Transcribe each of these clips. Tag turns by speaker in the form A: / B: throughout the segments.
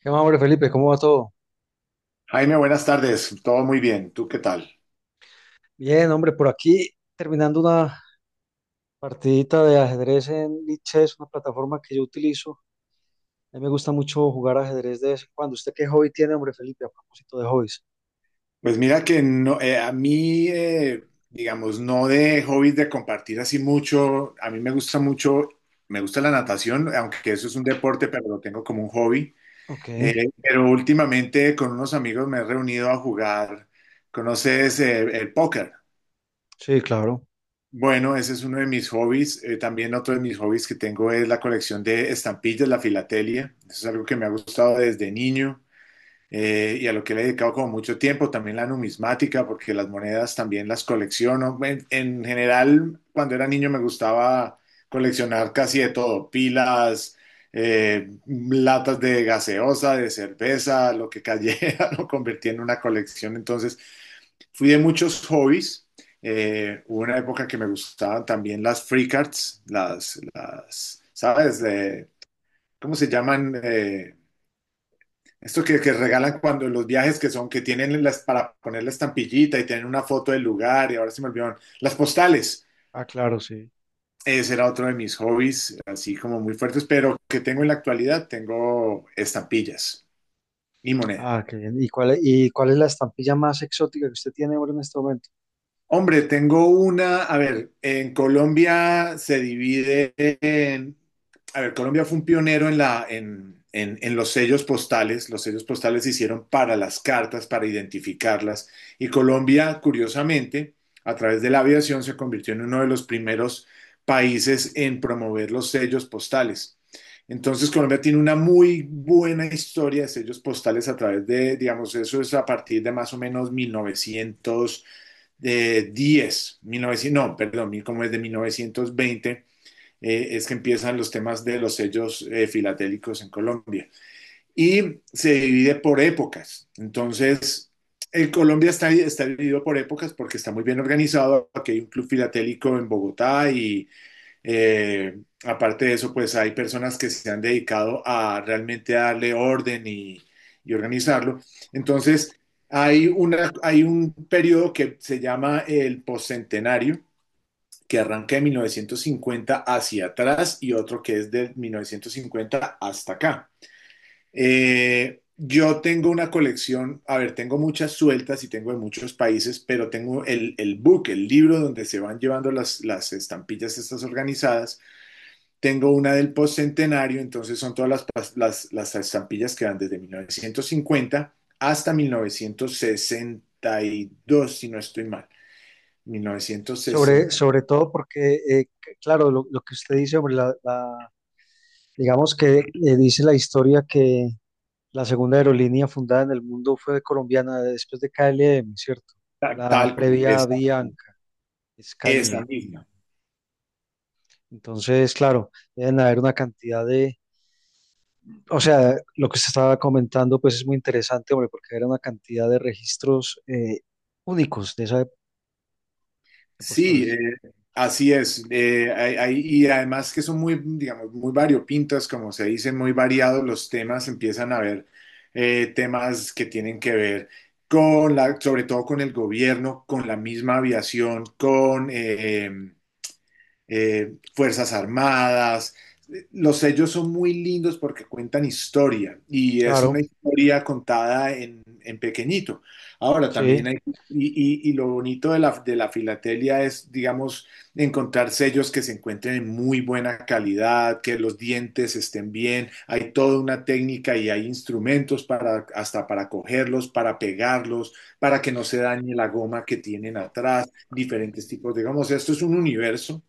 A: ¿Qué más, hombre, Felipe? ¿Cómo va todo?
B: Jaime, buenas tardes. Todo muy bien. ¿Tú qué tal?
A: Bien, hombre, por aquí terminando una partidita de ajedrez en Lichess, una plataforma que yo utilizo. A mí me gusta mucho jugar ajedrez de vez en cuando. ¿Usted qué hobby tiene, hombre, Felipe, a propósito de hobbies?
B: Pues mira que no, a mí, digamos, no de hobbies de compartir así mucho. A mí me gusta mucho, me gusta la natación, aunque eso es un deporte, pero lo tengo como un hobby.
A: Ok,
B: Pero últimamente con unos amigos me he reunido a jugar. ¿Conoces el póker?
A: sí, claro.
B: Bueno, ese es uno de mis hobbies. También otro de mis hobbies que tengo es la colección de estampillas, la filatelia. Eso es algo que me ha gustado desde niño. Y a lo que le he dedicado como mucho tiempo, también la numismática, porque las monedas también las colecciono. En general, cuando era niño me gustaba coleccionar casi de todo, pilas, latas de gaseosa, de cerveza, lo que cayera, lo convertí en una colección. Entonces, fui de muchos hobbies. Hubo una época que me gustaban también las free cards, las ¿sabes? De, ¿cómo se llaman? Esto que regalan cuando los viajes que son, que tienen las, para poner la estampillita y tienen una foto del lugar, y ahora se me olvidaron, las postales.
A: Ah, claro, sí.
B: Ese era otro de mis hobbies, así como muy fuertes, pero que tengo en la actualidad, tengo estampillas y monedas.
A: Ah, qué bien. ¿Y cuál, cuál es la estampilla más exótica que usted tiene, hombre, en este momento?
B: Hombre, tengo una, a ver, en Colombia se divide en, a ver, Colombia fue un pionero en la, en los sellos postales. Los sellos postales se hicieron para las cartas, para identificarlas. Y Colombia, curiosamente, a través de la aviación se convirtió en uno de los primeros países en promover los sellos postales. Entonces, Colombia tiene una muy buena historia de sellos postales a través de, digamos, eso es a partir de más o menos 1900 10, 19, no, perdón, como es de 1920, es que empiezan los temas de los sellos filatélicos en Colombia. Y se divide por épocas. Entonces, el Colombia está, está dividido por épocas porque está muy bien organizado. Aquí hay un club filatélico en Bogotá y aparte de eso, pues hay personas que se han dedicado a realmente darle orden y organizarlo. Entonces, hay un periodo que se llama el postcentenario, que arranca de 1950 hacia atrás y otro que es de 1950 hasta acá. Yo tengo una colección, a ver, tengo muchas sueltas y tengo de muchos países, pero tengo el book, el libro donde se van llevando las estampillas estas organizadas, tengo una del postcentenario, entonces son todas las, las estampillas que van desde 1950 hasta 1962, si no estoy mal.
A: Sobre,
B: 1960.
A: sobre todo porque, claro, lo que usted dice, hombre, digamos que dice la historia que la segunda aerolínea fundada en el mundo fue colombiana después de KLM, ¿cierto?
B: Tal,
A: La
B: tal como
A: previa
B: esa,
A: Bianca,
B: esa
A: Scania.
B: misma.
A: Entonces, claro, deben haber una cantidad de, o sea, lo que se estaba comentando, pues es muy interesante, hombre, porque era una cantidad de registros únicos de esa época de
B: Sí,
A: postales.
B: así es. Y además que son muy, digamos, muy variopintas, como se dice, muy variados los temas. Empiezan a haber temas que tienen que ver con la, sobre todo con el gobierno, con la misma aviación, con Fuerzas Armadas. Los sellos son muy lindos porque cuentan historia y es
A: Claro,
B: una historia contada en pequeñito. Ahora
A: sí.
B: también hay, y, y lo bonito de la filatelia es, digamos, encontrar sellos que se encuentren en muy buena calidad, que los dientes estén bien, hay toda una técnica y hay instrumentos para, hasta para cogerlos, para pegarlos, para que no se dañe la goma que tienen atrás, diferentes tipos, digamos, esto es un universo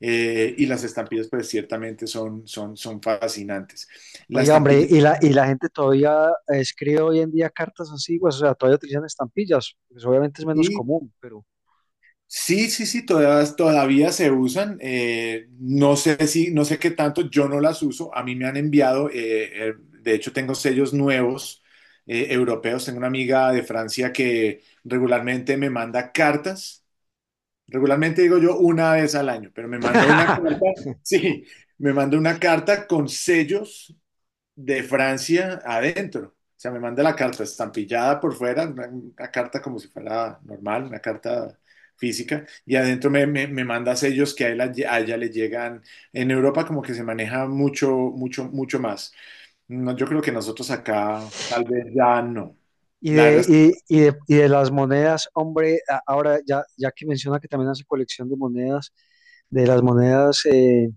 B: y las estampillas, pues ciertamente son, son fascinantes. Las
A: Oye, hombre,
B: estampillas,
A: y y la gente todavía escribe hoy en día cartas antiguas, o sea, todavía utilizan estampillas, pues obviamente es menos
B: sí,
A: común, pero
B: sí, sí, sí, todas, todavía se usan. No sé si, no sé qué tanto, yo no las uso. A mí me han enviado, de hecho, tengo sellos nuevos europeos. Tengo una amiga de Francia que regularmente me manda cartas. Regularmente digo yo una vez al año, pero me manda una carta, sí, me manda una carta con sellos de Francia adentro. O sea, me manda la carta estampillada por fuera, una carta como si fuera normal, una carta física, y adentro me manda sellos que a ella le llegan. En Europa como que se maneja mucho, mucho, mucho más. No, yo creo que nosotros acá tal vez ya no.
A: Y
B: La
A: de,
B: verdad.
A: y de, y de las monedas, hombre, a- ahora ya, ya que menciona que también hace colección de monedas, de las monedas,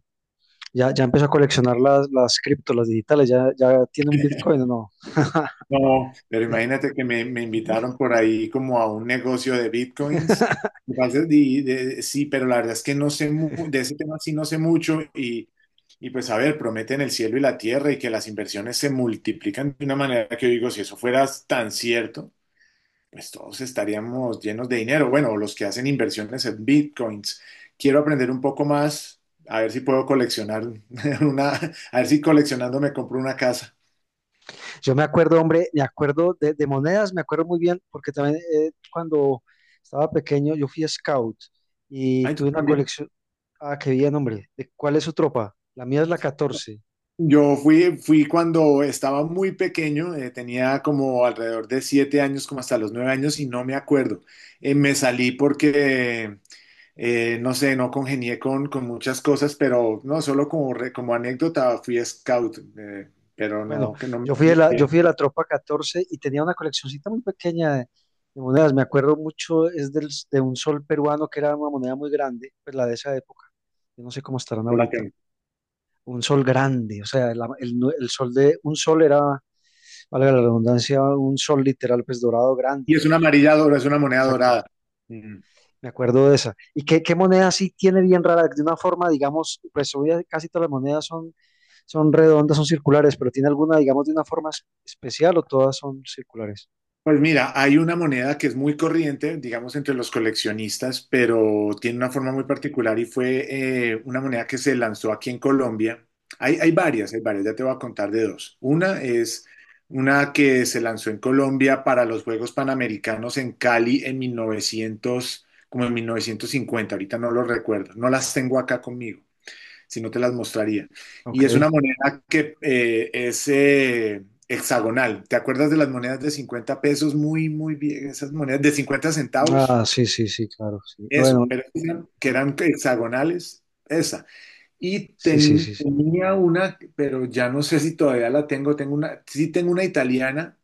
A: ya, ya empezó a coleccionar las cripto, las digitales, ya, ya tiene un Bitcoin o no.
B: No, pero imagínate que me invitaron por ahí como a un negocio de bitcoins. Me parece- y de- sí, pero la verdad es que no sé mu- de ese tema sí no sé mucho y pues a ver, prometen el cielo y la tierra y que las inversiones se multiplican de una manera que yo digo, si eso fuera tan cierto, pues todos estaríamos llenos de dinero. Bueno, los que hacen inversiones en bitcoins. Quiero aprender un poco más, a ver si puedo coleccionar una, a ver si coleccionando me compro una casa.
A: Yo me acuerdo, hombre, me acuerdo de monedas, me acuerdo muy bien, porque también cuando estaba pequeño yo fui scout y
B: Ay, tú
A: tuve una
B: también.
A: colección, ah, qué bien, hombre, ¿de cuál es su tropa? La mía es la catorce.
B: Yo fui, fui cuando estaba muy pequeño, tenía como alrededor de 7 años, como hasta los 9 años, y no me acuerdo. Me salí porque, no sé, no congenié con muchas cosas, pero no, solo como, re- como anécdota, fui scout, pero
A: Bueno,
B: no, que no me...
A: yo fui
B: muy
A: de la, yo
B: bien.
A: fui de la tropa 14 y tenía una coleccioncita muy pequeña de monedas. Me acuerdo mucho, es del, de un sol peruano que era una moneda muy grande, pues la de esa época. Yo no sé cómo estarán
B: Yo la
A: ahorita.
B: tengo.
A: Un sol grande, o sea, el sol de, un sol era, valga la redundancia, un sol literal, pues dorado grande.
B: Y es una amarilla dorada, es una moneda
A: Exacto.
B: dorada. Mm.
A: Me acuerdo de esa. ¿Y qué, qué moneda sí tiene bien rara? De una forma, digamos, pues hoy ya casi todas las monedas son, son redondas, son circulares, pero tiene alguna, digamos, de una forma especial o todas son circulares.
B: Pues mira, hay una moneda que es muy corriente, digamos, entre los coleccionistas, pero tiene una forma muy particular y fue una moneda que se lanzó aquí en Colombia. Hay, hay varias, ya te voy a contar de dos. Una es una que se lanzó en Colombia para los Juegos Panamericanos en Cali en 1900, como en 1950, ahorita no lo recuerdo, no las tengo acá conmigo si no te las mostraría. Y
A: Ok.
B: es una moneda que es hexagonal. ¿Te acuerdas de las monedas de 50 pesos? Muy, muy bien, esas monedas de 50 centavos.
A: Ah, sí, sí, sí, claro, sí.
B: Eso,
A: Bueno,
B: pero eran- que
A: eh,
B: eran hexagonales, esa. Y
A: sí, sí,
B: ten-
A: sí, sí.
B: tenía una, pero ya no sé si todavía la tengo, tengo una, sí tengo una italiana,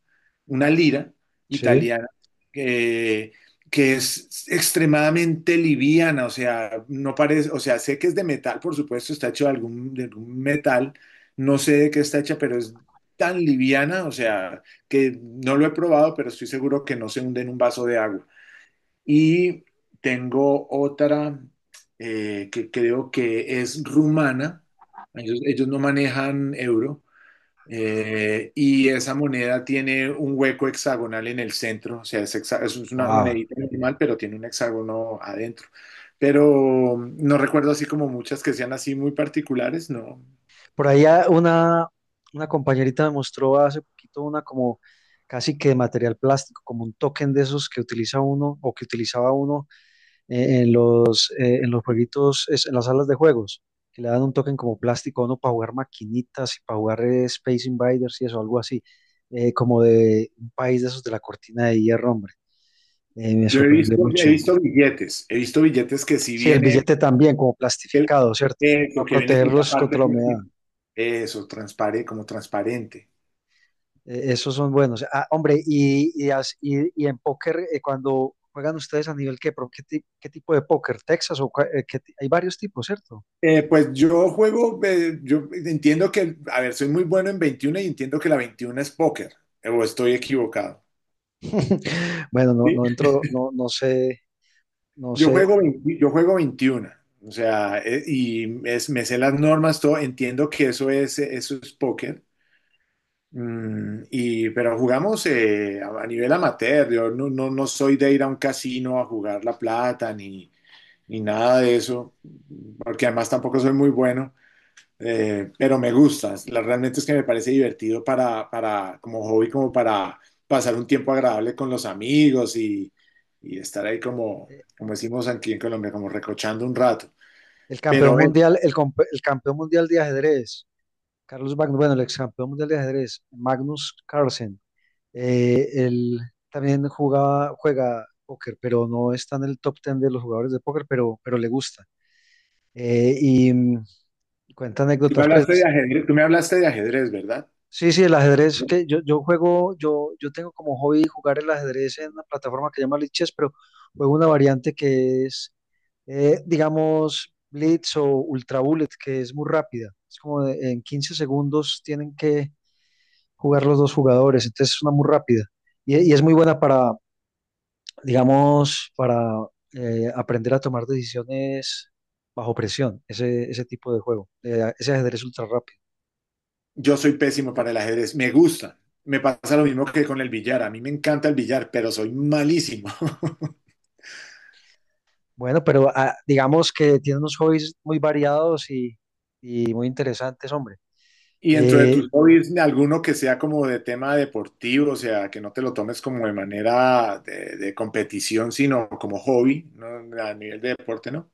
B: una lira
A: Sí,
B: italiana, que, que es extremadamente liviana, o sea, no parece, o sea, sé que es de metal, por supuesto, está hecho de algún metal, no sé de qué está hecha, pero es tan liviana, o sea, que no lo he probado, pero estoy seguro que no se hunde en un vaso de agua. Y tengo otra que creo que es rumana. Ellos no manejan euro. Y esa moneda tiene un hueco hexagonal en el centro. O sea, es una
A: wow.
B: monedita normal, pero tiene un hexágono adentro. Pero no recuerdo así como muchas que sean así muy particulares, no.
A: Por allá una compañerita me mostró hace poquito una como casi que de material plástico, como un token de esos que utiliza uno o que utilizaba uno en los jueguitos, en las salas de juegos, que le dan un token como plástico a uno para jugar maquinitas y para jugar Space Invaders y eso, algo así, como de un país de esos de la cortina de hierro, hombre. Me
B: Yo he
A: sorprendió
B: visto,
A: mucho.
B: billetes, he visto billetes que si
A: Sí, el
B: viene.
A: billete también, como
B: El-
A: plastificado, ¿cierto?
B: Eso,
A: Para
B: que viene con una
A: protegerlos
B: parte
A: contra la humedad.
B: plástico. Eso, transparente, como transparente.
A: Esos son buenos. Ah, hombre, y en póker, cuando juegan ustedes a nivel qué, qué tipo de póker, Texas o hay varios tipos, ¿cierto?
B: Pues yo juego, yo entiendo que, a ver, soy muy bueno en 21 y entiendo que la 21 es póker, o estoy equivocado.
A: Bueno, no,
B: ¿Sí?
A: no entro, no, no sé, no
B: Yo
A: sé.
B: juego 20 yo juego 21, o sea, me sé las normas, todo, entiendo que eso es póker. Pero jugamos a nivel amateur, yo no, no, no soy de ir a un casino a jugar la plata, ni nada de eso, porque además tampoco soy muy bueno, pero me gusta. Realmente es que me parece divertido como hobby, como para pasar un tiempo agradable con los amigos y estar ahí como,
A: Eh,
B: como decimos aquí en Colombia, como recochando un rato.
A: El campeón
B: Pero
A: mundial, el campeón mundial de ajedrez, Carlos Magnus, bueno, el ex campeón mundial de ajedrez, Magnus Carlsen. Él también jugaba, juega póker, pero no está en el top 10 de los jugadores de póker, pero le gusta. Eh, y mm, cuenta
B: tú me
A: anécdotas, pues.
B: hablaste de ajedrez, tú me hablaste de ajedrez, ¿verdad?
A: Sí, sí, el ajedrez, que yo juego, yo tengo como hobby jugar el ajedrez en una plataforma que se llama Lichess, pero juego una variante que es, digamos, Blitz o Ultra Bullet, que es muy rápida. Es como en 15 segundos tienen que jugar los dos jugadores, entonces es una muy rápida. Y es muy buena para, digamos, para aprender a tomar decisiones bajo presión, ese tipo de juego, ese ajedrez ultra rápido.
B: Yo soy pésimo para el ajedrez, me gusta. Me pasa lo mismo que con el billar. A mí me encanta el billar, pero soy malísimo.
A: Bueno, pero ah, digamos que tiene unos hobbies muy variados y muy interesantes, hombre.
B: Y dentro de
A: Eh,
B: tus hobbies, alguno que sea como de tema deportivo, o sea, que no te lo tomes como de manera de competición, sino como hobby, ¿no? A nivel de deporte, ¿no?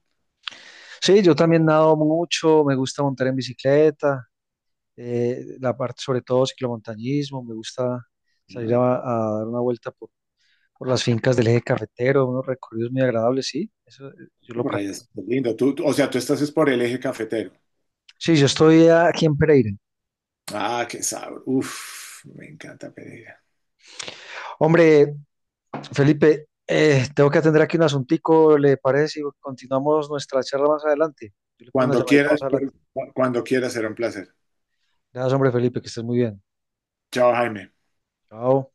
A: sí, yo también nado mucho, me gusta montar en bicicleta, la parte sobre todo ciclomontañismo, me gusta salir
B: Ah,
A: a dar una vuelta por las fincas del eje cafetero, unos recorridos muy agradables, sí, eso yo lo
B: por ahí
A: practico.
B: es lindo. O sea, tú estás es por el eje cafetero.
A: Sí, yo estoy aquí en Pereira.
B: Ah, qué sabor. Uf, me encanta Pereira.
A: Hombre, Felipe, tengo que atender aquí un asuntico, ¿le parece si continuamos nuestra charla más adelante? Yo le pongo una
B: Cuando
A: llamadita más
B: quieras,
A: adelante.
B: pero- cuando quieras será un placer.
A: Gracias, hombre, Felipe, que estés muy bien.
B: Chao, Jaime.
A: Chao.